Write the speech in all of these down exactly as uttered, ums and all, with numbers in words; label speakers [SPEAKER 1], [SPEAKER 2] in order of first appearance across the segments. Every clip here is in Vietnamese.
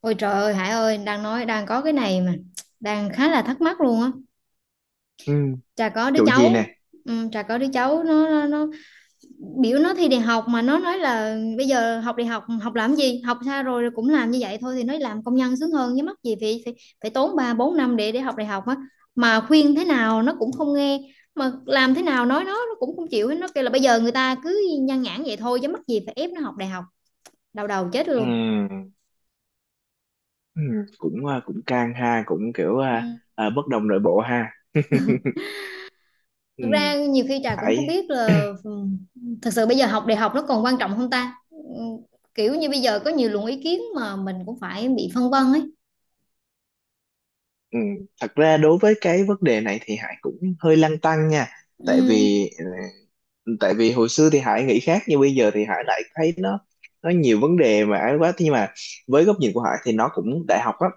[SPEAKER 1] Ôi trời ơi, Hải ơi, đang nói đang có cái này mà đang khá là thắc mắc luôn á.
[SPEAKER 2] Ừ,
[SPEAKER 1] Trà có đứa
[SPEAKER 2] chủ gì
[SPEAKER 1] cháu,
[SPEAKER 2] nè.
[SPEAKER 1] ừ, Trà có đứa cháu, nó, nó nó biểu nó thi đại học, mà nó nói là bây giờ học đại học học làm gì, học xa rồi rồi cũng làm như vậy thôi thì nó làm công nhân sướng hơn, chứ mắc gì phải phải, phải tốn ba bốn năm để để học đại học á. Mà khuyên thế nào nó cũng không nghe, mà làm thế nào nói nó nó cũng không chịu hết. Nó kêu là bây giờ người ta cứ nhan nhản vậy thôi, chứ mắc gì phải ép nó học đại học. Đau đầu chết
[SPEAKER 2] Ừ,
[SPEAKER 1] luôn.
[SPEAKER 2] ừ, cũng à, cũng căng ha, cũng kiểu
[SPEAKER 1] Ừ.
[SPEAKER 2] à, à, bất đồng nội bộ ha. ừ,
[SPEAKER 1] Thực ra nhiều khi Trà cũng không
[SPEAKER 2] Hải.
[SPEAKER 1] biết là ừm, thật sự bây giờ học đại học nó còn quan trọng không ta? Ừm, Kiểu như bây giờ có nhiều luồng ý kiến mà mình cũng phải bị phân vân ấy.
[SPEAKER 2] ừ, thật ra đối với cái vấn đề này thì Hải cũng hơi lăn tăn nha, tại
[SPEAKER 1] Ừm,
[SPEAKER 2] vì ờ, tại vì hồi xưa thì Hải nghĩ khác, nhưng bây giờ thì Hải lại thấy nó nó nhiều vấn đề mà ấy quá. Thế nhưng mà với góc nhìn của Hải thì nó cũng đại học á,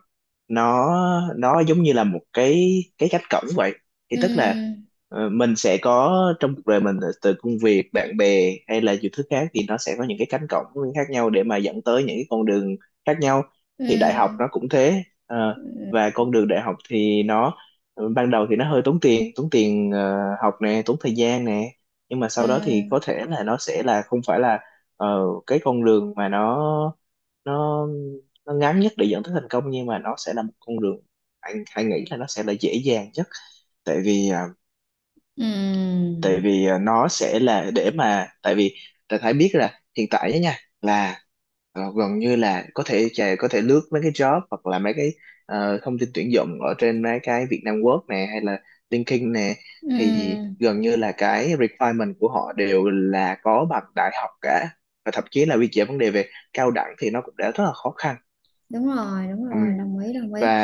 [SPEAKER 2] nó nó giống như là một cái cái cánh cổng vậy, thì tức là
[SPEAKER 1] ừm,
[SPEAKER 2] ờ, mình sẽ có, trong cuộc đời mình, từ công việc, bạn bè hay là nhiều thứ khác, thì nó sẽ có những cái cánh cổng khác nhau để mà dẫn tới những cái con đường khác nhau. Thì đại học
[SPEAKER 1] ừm,
[SPEAKER 2] nó cũng thế. Ờ, và con đường đại học thì nó ờ, ban đầu thì nó hơi tốn tiền tốn tiền ờ, học nè, tốn thời gian nè, nhưng mà sau đó thì
[SPEAKER 1] ừm,
[SPEAKER 2] có thể là nó sẽ là không phải là ờ, cái con đường mà nó nó nó ngắn nhất để dẫn tới thành công, nhưng mà nó sẽ là một con đường anh anh nghĩ là nó sẽ là dễ dàng nhất, tại vì à, tại
[SPEAKER 1] ừm,
[SPEAKER 2] vì à, nó sẽ là, để mà, tại vì ta phải biết là hiện tại á nha, là ờ, gần như là có thể chà, có thể lướt mấy cái job hoặc là mấy cái ờ, thông tin tuyển dụng ở trên mấy cái Vietnam Work nè hay là LinkedIn nè, thì
[SPEAKER 1] ừm.
[SPEAKER 2] gần như là cái requirement của họ đều là có bằng đại học cả, và thậm chí là quy chế vấn đề về cao đẳng thì nó cũng đã rất là khó khăn.
[SPEAKER 1] Đúng rồi, đúng rồi,
[SPEAKER 2] Ừm,
[SPEAKER 1] đồng ý, đồng ý.
[SPEAKER 2] và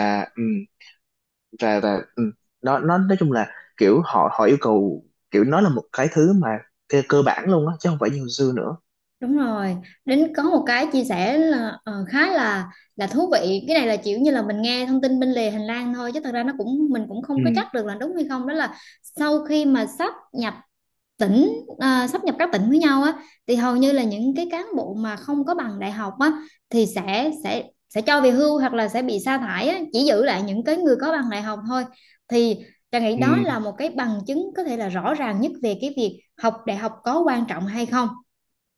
[SPEAKER 2] và và ừ, nó nó nói chung là kiểu họ họ yêu cầu, kiểu nó là một cái thứ mà cơ, cơ bản luôn á, chứ không phải như hồi xưa nữa.
[SPEAKER 1] Đúng rồi. Đến có một cái chia sẻ là ờ, khá là là thú vị. Cái này là kiểu như là mình nghe thông tin bên lề hành lang thôi, chứ thật ra nó cũng mình cũng không có
[SPEAKER 2] ừ,
[SPEAKER 1] chắc được là đúng hay không. Đó là sau khi mà sáp nhập tỉnh à, sáp nhập các tỉnh với nhau á, thì hầu như là những cái cán bộ mà không có bằng đại học á thì sẽ sẽ sẽ cho về hưu hoặc là sẽ bị sa thải á, chỉ giữ lại những cái người có bằng đại học thôi, thì Trà nghĩ
[SPEAKER 2] ừ,
[SPEAKER 1] đó là một cái bằng chứng có thể là rõ ràng nhất về cái việc học đại học có quan trọng hay không.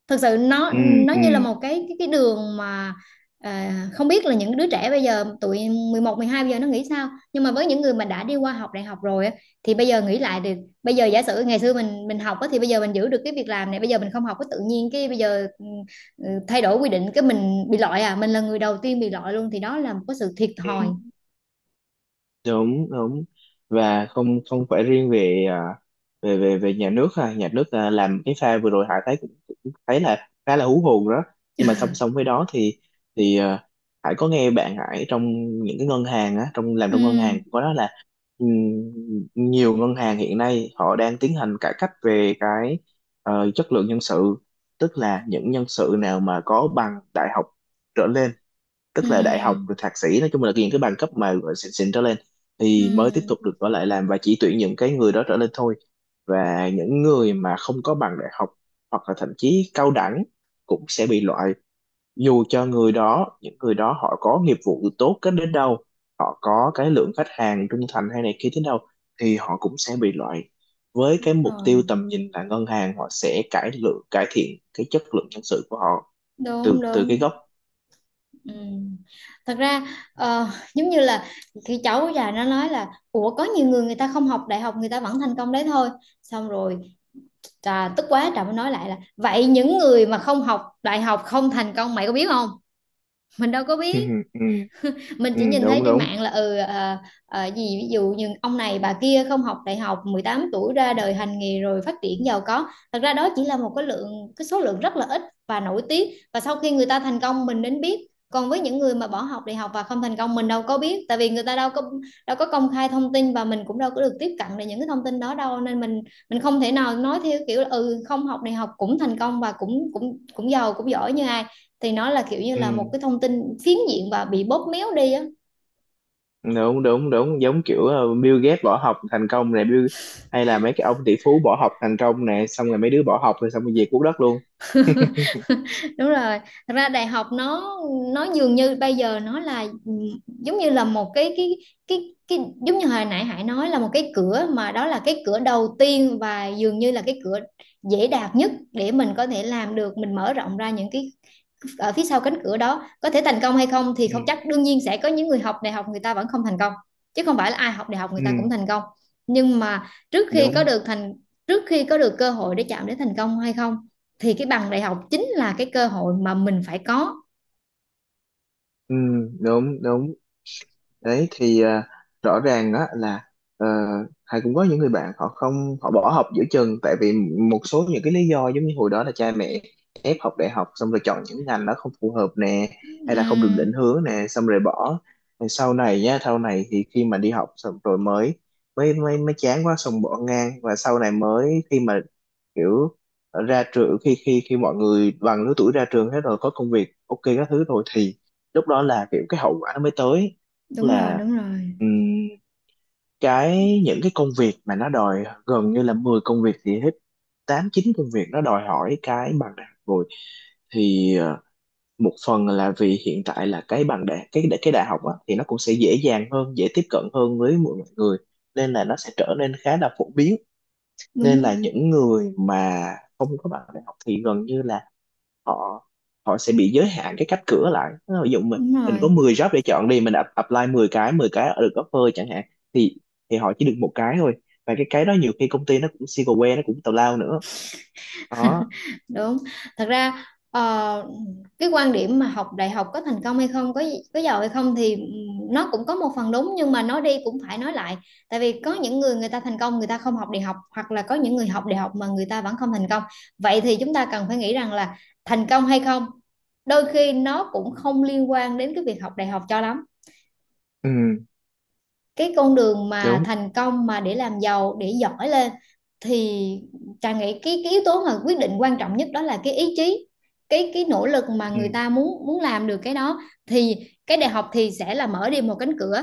[SPEAKER 1] Thực sự nó nó như là
[SPEAKER 2] ừ,
[SPEAKER 1] một cái cái cái đường mà à, không biết là những đứa trẻ bây giờ tụi mười một, mười hai bây giờ nó nghĩ sao, nhưng mà với những người mà đã đi qua học đại học rồi á, thì bây giờ nghĩ lại được, bây giờ giả sử ngày xưa mình mình học á, thì bây giờ mình giữ được cái việc làm này. Bây giờ mình không học có tự nhiên cái bây giờ ừ, ừ, thay đổi quy định cái mình bị loại à, mình là người đầu tiên bị loại luôn, thì đó là một cái sự thiệt thòi.
[SPEAKER 2] ừ, đúng đúng. Và không không phải riêng về à, về về về nhà nước ha, nhà nước à, làm cái pha vừa rồi Hải thấy cũng, cũng thấy là khá là hú hồn đó. Nhưng mà song song với đó thì thì à, Hải có nghe bạn Hải trong những cái ngân hàng á, trong làm
[SPEAKER 1] Ừ,
[SPEAKER 2] trong ngân hàng, có đó là, ừm, nhiều ngân hàng hiện nay họ đang tiến hành cải cách về cái ờ, chất lượng nhân sự, tức là những nhân sự nào mà có bằng đại học trở lên, tức là đại học rồi
[SPEAKER 1] ừ,
[SPEAKER 2] thạc sĩ, nói chung là những cái bằng cấp mà gọi xịn xịn trở lên
[SPEAKER 1] ừ,
[SPEAKER 2] thì mới tiếp tục được ở lại làm, và chỉ tuyển những cái người đó trở lên thôi.
[SPEAKER 1] ừ.
[SPEAKER 2] Và những người mà không có bằng đại học hoặc là thậm chí cao đẳng cũng sẽ bị loại, dù cho người đó, những người đó họ có nghiệp vụ tốt đến đến đâu, họ có cái lượng khách hàng trung thành hay này kia thế đâu, thì họ cũng sẽ bị loại, với cái mục
[SPEAKER 1] Rồi.
[SPEAKER 2] tiêu tầm nhìn là ngân hàng họ sẽ cải lượng, cải thiện cái chất lượng nhân sự của họ từ
[SPEAKER 1] Đúng,
[SPEAKER 2] từ cái
[SPEAKER 1] đúng.
[SPEAKER 2] gốc.
[SPEAKER 1] Ừ. Thật ra ờ, giống như là cái cháu già nó nói là ủa, có nhiều người người ta không học đại học người ta vẫn thành công đấy thôi, xong rồi Trà tức quá Trà mới nói lại là vậy những người mà không học đại học không thành công mày có biết không, mình đâu có
[SPEAKER 2] ừ,
[SPEAKER 1] biết.
[SPEAKER 2] ừ,
[SPEAKER 1] Mình
[SPEAKER 2] ừ,
[SPEAKER 1] chỉ nhìn thấy
[SPEAKER 2] đúng
[SPEAKER 1] trên
[SPEAKER 2] đúng.
[SPEAKER 1] mạng là ừ à, à, gì ví dụ như ông này bà kia không học đại học mười tám tuổi ra đời hành nghề rồi phát triển giàu có, thật ra đó chỉ là một cái lượng cái số lượng rất là ít và nổi tiếng, và sau khi người ta thành công mình đến biết, còn với những người mà bỏ học đại học và không thành công mình đâu có biết, tại vì người ta đâu có đâu có công khai thông tin và mình cũng đâu có được tiếp cận được những cái thông tin đó đâu, nên mình mình không thể nào nói theo kiểu là, ừ, không học đại học cũng thành công và cũng cũng cũng giàu cũng giỏi như ai, thì nó là kiểu như
[SPEAKER 2] Ừ,
[SPEAKER 1] là một cái thông tin phiến diện và bị bóp méo đi á.
[SPEAKER 2] đúng đúng đúng, giống kiểu ờ, Bill Gates bỏ học thành công này, Bill hay là mấy cái ông tỷ phú bỏ học thành công này, xong rồi mấy đứa bỏ học rồi xong rồi về cuốc đất luôn.
[SPEAKER 1] Đúng rồi. Thật ra đại học nó nó dường như bây giờ nó là ừ, giống như là một cái cái cái cái giống như hồi nãy Hải nói là một cái cửa, mà đó là cái cửa đầu tiên và dường như là cái cửa dễ đạt nhất để mình có thể làm được, mình mở rộng ra những cái ở phía sau cánh cửa đó có thể thành công hay không thì
[SPEAKER 2] ừ,
[SPEAKER 1] không chắc. Đương nhiên sẽ có những người học đại học người ta vẫn không thành công, chứ không phải là ai học đại học người
[SPEAKER 2] ừ,
[SPEAKER 1] ta cũng thành công, nhưng mà trước khi có
[SPEAKER 2] đúng,
[SPEAKER 1] được thành trước khi có được cơ hội để chạm đến thành công hay không, thì cái bằng đại học chính là cái cơ hội mà mình phải có.
[SPEAKER 2] ừ, đúng đúng đấy, thì ờ, rõ ràng á là, ờ, Hải cũng có những người bạn, họ không họ bỏ học giữa chừng tại vì một số những cái lý do, giống như hồi đó là cha mẹ ép học đại học, xong rồi chọn những ngành nó không phù hợp nè, hay là không được
[SPEAKER 1] Ừm.
[SPEAKER 2] định hướng nè xong rồi bỏ. Rồi sau này nhá, sau này thì khi mà đi học xong rồi mới mới mới mới chán quá xong bỏ ngang, và sau này mới, khi mà kiểu ra trường, khi khi khi mọi người bằng lứa tuổi ra trường hết rồi, có công việc ok các thứ rồi, thì lúc đó là kiểu cái hậu quả nó mới tới,
[SPEAKER 1] Đúng rồi,
[SPEAKER 2] là
[SPEAKER 1] đúng rồi.
[SPEAKER 2] ừm, cái những cái công việc mà nó đòi gần như là mười công việc thì hết tám chín công việc nó đòi hỏi cái bằng đại học rồi. Thì ờ, một phần là vì hiện tại là cái bằng đại, cái cái đại học á, thì nó cũng sẽ dễ dàng hơn, dễ tiếp cận hơn với mọi người, nên là nó sẽ trở nên khá là phổ biến, nên là
[SPEAKER 1] Đúng.
[SPEAKER 2] những người mà không có bằng đại học thì gần như là họ, họ sẽ bị giới hạn cái cánh cửa lại. Ví dụ mình
[SPEAKER 1] Đúng
[SPEAKER 2] mình có
[SPEAKER 1] rồi.
[SPEAKER 2] mười job để chọn đi, mình up- apply mười cái, mười cái được offer chẳng hạn, thì thì họ chỉ được một cái thôi, và cái cái đó nhiều khi công ty nó cũng single way, nó cũng tào lao nữa đó.
[SPEAKER 1] Đúng. Thật ra ờ, cái quan điểm mà học đại học có thành công hay không, có có giàu hay không thì ừm, nó cũng có một phần đúng, nhưng mà nói đi cũng phải nói lại, tại vì có những người người ta thành công người ta không học đại học, hoặc là có những người học đại học mà người ta vẫn không thành công. Vậy thì chúng ta cần phải nghĩ rằng là thành công hay không đôi khi nó cũng không liên quan đến cái việc học đại học cho lắm.
[SPEAKER 2] Ừ
[SPEAKER 1] Cái con đường mà
[SPEAKER 2] đúng.
[SPEAKER 1] thành công, mà để làm giàu, để giỏi lên, thì Trà nghĩ cái, cái yếu tố mà quyết định quan trọng nhất đó là cái ý chí, cái cái nỗ lực mà
[SPEAKER 2] Ừ,
[SPEAKER 1] người ta muốn muốn làm được cái đó, thì cái đại học thì sẽ là mở đi một cánh cửa,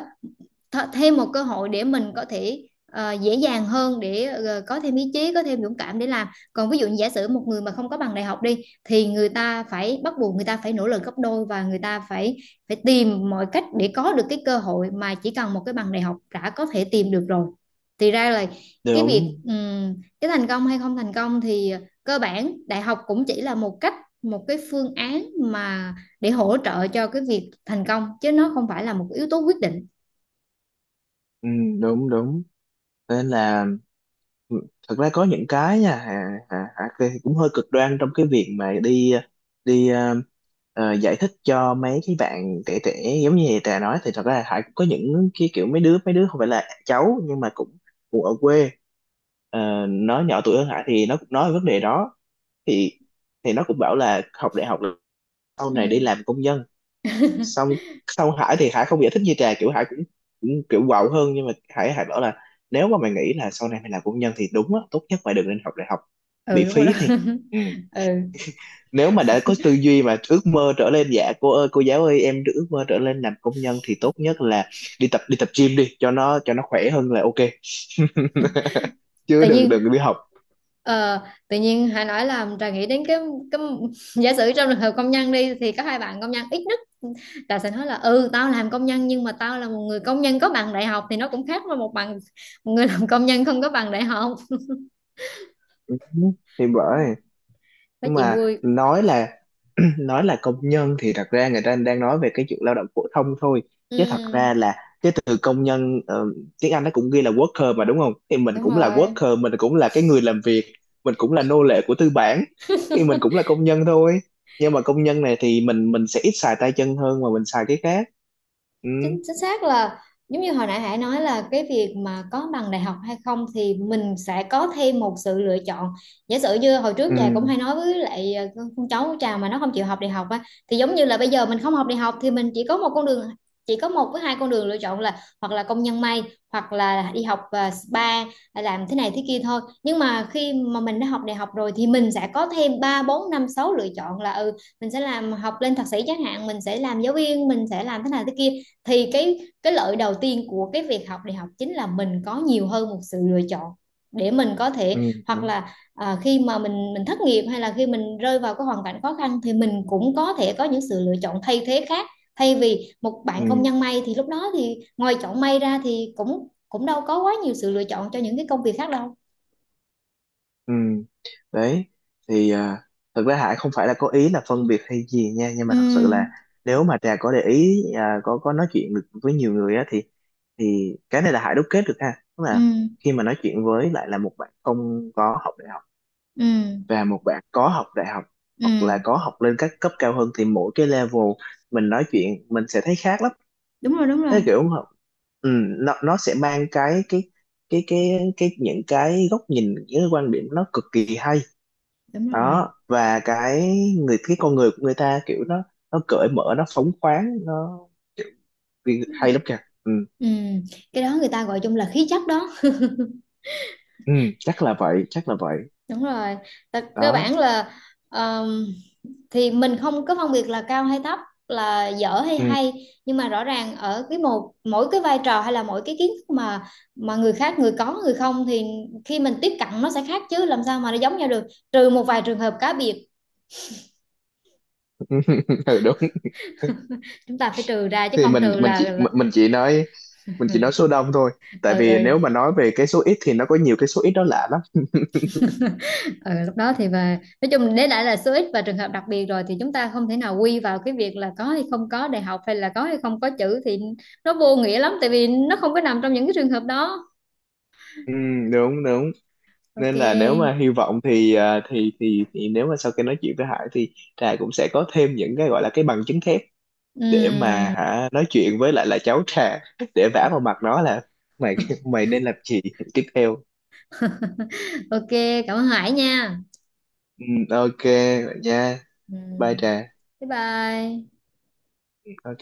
[SPEAKER 1] th- thêm một cơ hội để mình có thể ờ, dễ dàng hơn, để ờ, có thêm ý chí, có thêm dũng cảm để làm. Còn ví dụ như giả sử một người mà không có bằng đại học đi, thì người ta phải bắt buộc người ta phải nỗ lực gấp đôi, và người ta phải phải tìm mọi cách để có được cái cơ hội mà chỉ cần một cái bằng đại học đã có thể tìm được rồi. Thì ra là cái
[SPEAKER 2] đúng.
[SPEAKER 1] việc ừm, cái thành công hay không thành công thì cơ bản đại học cũng chỉ là một cách một cái phương án mà để hỗ trợ cho cái việc thành công, chứ nó không phải là một yếu tố quyết định.
[SPEAKER 2] Ừ, đúng đúng. Nên là, ừ, thật ra có những cái nha, Hà, Hà, Hà Kê cũng hơi cực đoan trong cái việc mà đi đi ờ, ờ, giải thích cho mấy cái bạn trẻ trẻ. Giống như Trà nói thì thật ra Hải cũng có những cái kiểu mấy đứa mấy đứa không phải là cháu nhưng mà cũng cũng ở quê. Ờ, nó nhỏ tuổi hơn Hải thì nó cũng nói vấn đề đó, thì thì nó cũng bảo là học đại học là sau
[SPEAKER 1] Ừ,
[SPEAKER 2] này đi làm công nhân xong. Xong Hải thì Hải không giải thích như Trà, kiểu Hải cũng, cũng kiểu quạo hơn, nhưng mà Hải Hải bảo là, nếu mà mày nghĩ là sau này mày làm công nhân thì đúng á, tốt nhất mày đừng nên học đại học bị
[SPEAKER 1] ừ, đúng rồi đó.
[SPEAKER 2] phí. Thì ừ.
[SPEAKER 1] Ừ.
[SPEAKER 2] Nếu mà đã có tư duy mà ước mơ trở lên, dạ cô ơi cô giáo ơi em ước mơ trở lên làm công nhân, thì tốt nhất là đi tập đi tập gym đi cho nó, cho nó khỏe, hơn là ok. chứ
[SPEAKER 1] Tự
[SPEAKER 2] đừng
[SPEAKER 1] nhiên.
[SPEAKER 2] đừng đi học.
[SPEAKER 1] Ờ, tự nhiên hãy nói là Trà nghĩ đến cái cái giả sử trong trường hợp công nhân đi, thì có hai bạn công nhân ít nhất Trà sẽ nói là ừ, tao làm công nhân nhưng mà tao là một người công nhân có bằng đại học, thì nó cũng khác với một bằng một người làm công nhân không có bằng đại học.
[SPEAKER 2] Ừ, thì
[SPEAKER 1] Ừ,
[SPEAKER 2] bởi,
[SPEAKER 1] nói
[SPEAKER 2] nhưng
[SPEAKER 1] chuyện
[SPEAKER 2] mà
[SPEAKER 1] vui.
[SPEAKER 2] nói là nói là công nhân thì thật ra người ta đang nói về cái chuyện lao động phổ thông thôi, chứ thật ra
[SPEAKER 1] Ừ,
[SPEAKER 2] là cái từ công nhân, ờ, tiếng Anh nó cũng ghi là worker mà đúng không, thì mình
[SPEAKER 1] đúng
[SPEAKER 2] cũng là
[SPEAKER 1] rồi.
[SPEAKER 2] worker, mình cũng là cái người làm việc, mình cũng là nô lệ của tư bản, thì mình cũng là công nhân thôi. Nhưng mà công nhân này thì mình mình sẽ ít xài tay chân hơn mà mình xài cái khác. Ừ
[SPEAKER 1] Chính chính xác là giống như hồi nãy Hải nói là cái việc mà có bằng đại học hay không thì mình sẽ có thêm một sự lựa chọn. Giả sử như hồi trước Trà cũng
[SPEAKER 2] ừ
[SPEAKER 1] hay nói với lại ờ, con con cháu của Trà mà nó không chịu học đại học á, thì giống như là bây giờ mình không học đại học thì mình chỉ có một con đường chỉ có một với hai con đường lựa chọn là hoặc là công nhân may, hoặc là đi học ờ, spa, ờ, làm thế này thế kia thôi. Nhưng mà khi mà mình đã học đại học rồi thì mình sẽ có thêm ba bốn năm sáu lựa chọn, là ừ, mình sẽ làm học lên thạc sĩ chẳng hạn, mình sẽ làm giáo viên, mình sẽ làm thế này thế kia. Thì cái cái lợi đầu tiên của cái việc học đại học chính là mình có nhiều hơn một sự lựa chọn, để mình có
[SPEAKER 2] ừ
[SPEAKER 1] thể hoặc
[SPEAKER 2] đúng.
[SPEAKER 1] là à, khi mà mình mình thất nghiệp, hay là khi mình rơi vào cái hoàn cảnh khó khăn, thì mình cũng có thể có những sự lựa chọn thay thế khác, thay vì một bạn công
[SPEAKER 2] ừ.
[SPEAKER 1] nhân may thì lúc đó thì ngoài chọn may ra thì cũng cũng đâu có quá nhiều sự lựa chọn cho những cái công việc khác đâu.
[SPEAKER 2] Ừ, đấy thì à, thực ra Hải không phải là có ý là phân biệt hay gì nha, nhưng mà
[SPEAKER 1] Ừ,
[SPEAKER 2] thật sự là, nếu mà Trà có để ý à, có có nói chuyện được với nhiều người á, thì thì cái này là Hải đúc kết được ha, tức
[SPEAKER 1] ừ,
[SPEAKER 2] là khi mà nói chuyện với lại là một bạn không có học đại học
[SPEAKER 1] ừ,
[SPEAKER 2] và một bạn có học đại học
[SPEAKER 1] ừ.
[SPEAKER 2] hoặc là có học lên các cấp cao hơn, thì mỗi cái level mình nói chuyện mình sẽ thấy khác lắm.
[SPEAKER 1] Đúng rồi. Đúng rồi.
[SPEAKER 2] Cái kiểu mà- ừ, nó nó sẽ mang cái cái cái cái cái những cái góc nhìn, những cái quan điểm nó cực kỳ hay
[SPEAKER 1] Đúng rồi.
[SPEAKER 2] đó. Và cái người cái con người của người ta kiểu nó nó cởi mở, nó phóng khoáng, nó vì- hay lắm kìa. Ừ.
[SPEAKER 1] Ừ, cái đó người ta gọi chung là khí chất đó.
[SPEAKER 2] ừ, chắc là vậy, chắc là vậy
[SPEAKER 1] Đúng rồi. Tại cơ
[SPEAKER 2] đó.
[SPEAKER 1] bản là ờm, thì mình không có phân biệt là cao hay thấp, là dở hay
[SPEAKER 2] Ừ.
[SPEAKER 1] hay, nhưng mà rõ ràng ở cái một mỗi cái vai trò hay là mỗi cái kiến thức mà mà người khác người có người không, thì khi mình tiếp cận nó sẽ khác chứ làm sao mà nó giống nhau được, trừ một vài trường hợp cá biệt.
[SPEAKER 2] ừ đúng.
[SPEAKER 1] Chúng ta phải trừ ra, chứ
[SPEAKER 2] Thì
[SPEAKER 1] không
[SPEAKER 2] mình
[SPEAKER 1] trừ
[SPEAKER 2] mình
[SPEAKER 1] là,
[SPEAKER 2] chỉ
[SPEAKER 1] là...
[SPEAKER 2] mình mình chỉ nói mình chỉ nói số đông thôi,
[SPEAKER 1] Ừ,
[SPEAKER 2] tại vì
[SPEAKER 1] ừ.
[SPEAKER 2] nếu mà nói về cái số ít thì nó có nhiều cái số ít đó lạ lắm.
[SPEAKER 1] Ừ, lúc đó thì và nói chung đấy lại là số ít và trường hợp đặc biệt rồi, thì chúng ta không thể nào quy vào cái việc là có hay không có đại học, hay là có hay không có chữ, thì nó vô nghĩa lắm, tại vì nó không có nằm trong những cái trường hợp đó.
[SPEAKER 2] Ừ đúng đúng. Nên là nếu
[SPEAKER 1] OK.
[SPEAKER 2] mà hy vọng thì à, thì thì thì nếu mà sau khi nói chuyện với Hải thì Trà cũng sẽ có thêm những cái gọi là cái bằng chứng thép, để mà
[SPEAKER 1] Ừm.
[SPEAKER 2] hả nói chuyện với lại là cháu Trà, để vả vào mặt nó là mày, mày nên làm gì tiếp theo.
[SPEAKER 1] OK, cảm ơn Hải nha.
[SPEAKER 2] Ừ, ok, vậy nha, bye
[SPEAKER 1] Ừm.
[SPEAKER 2] Trà.
[SPEAKER 1] Bye bye.
[SPEAKER 2] Ok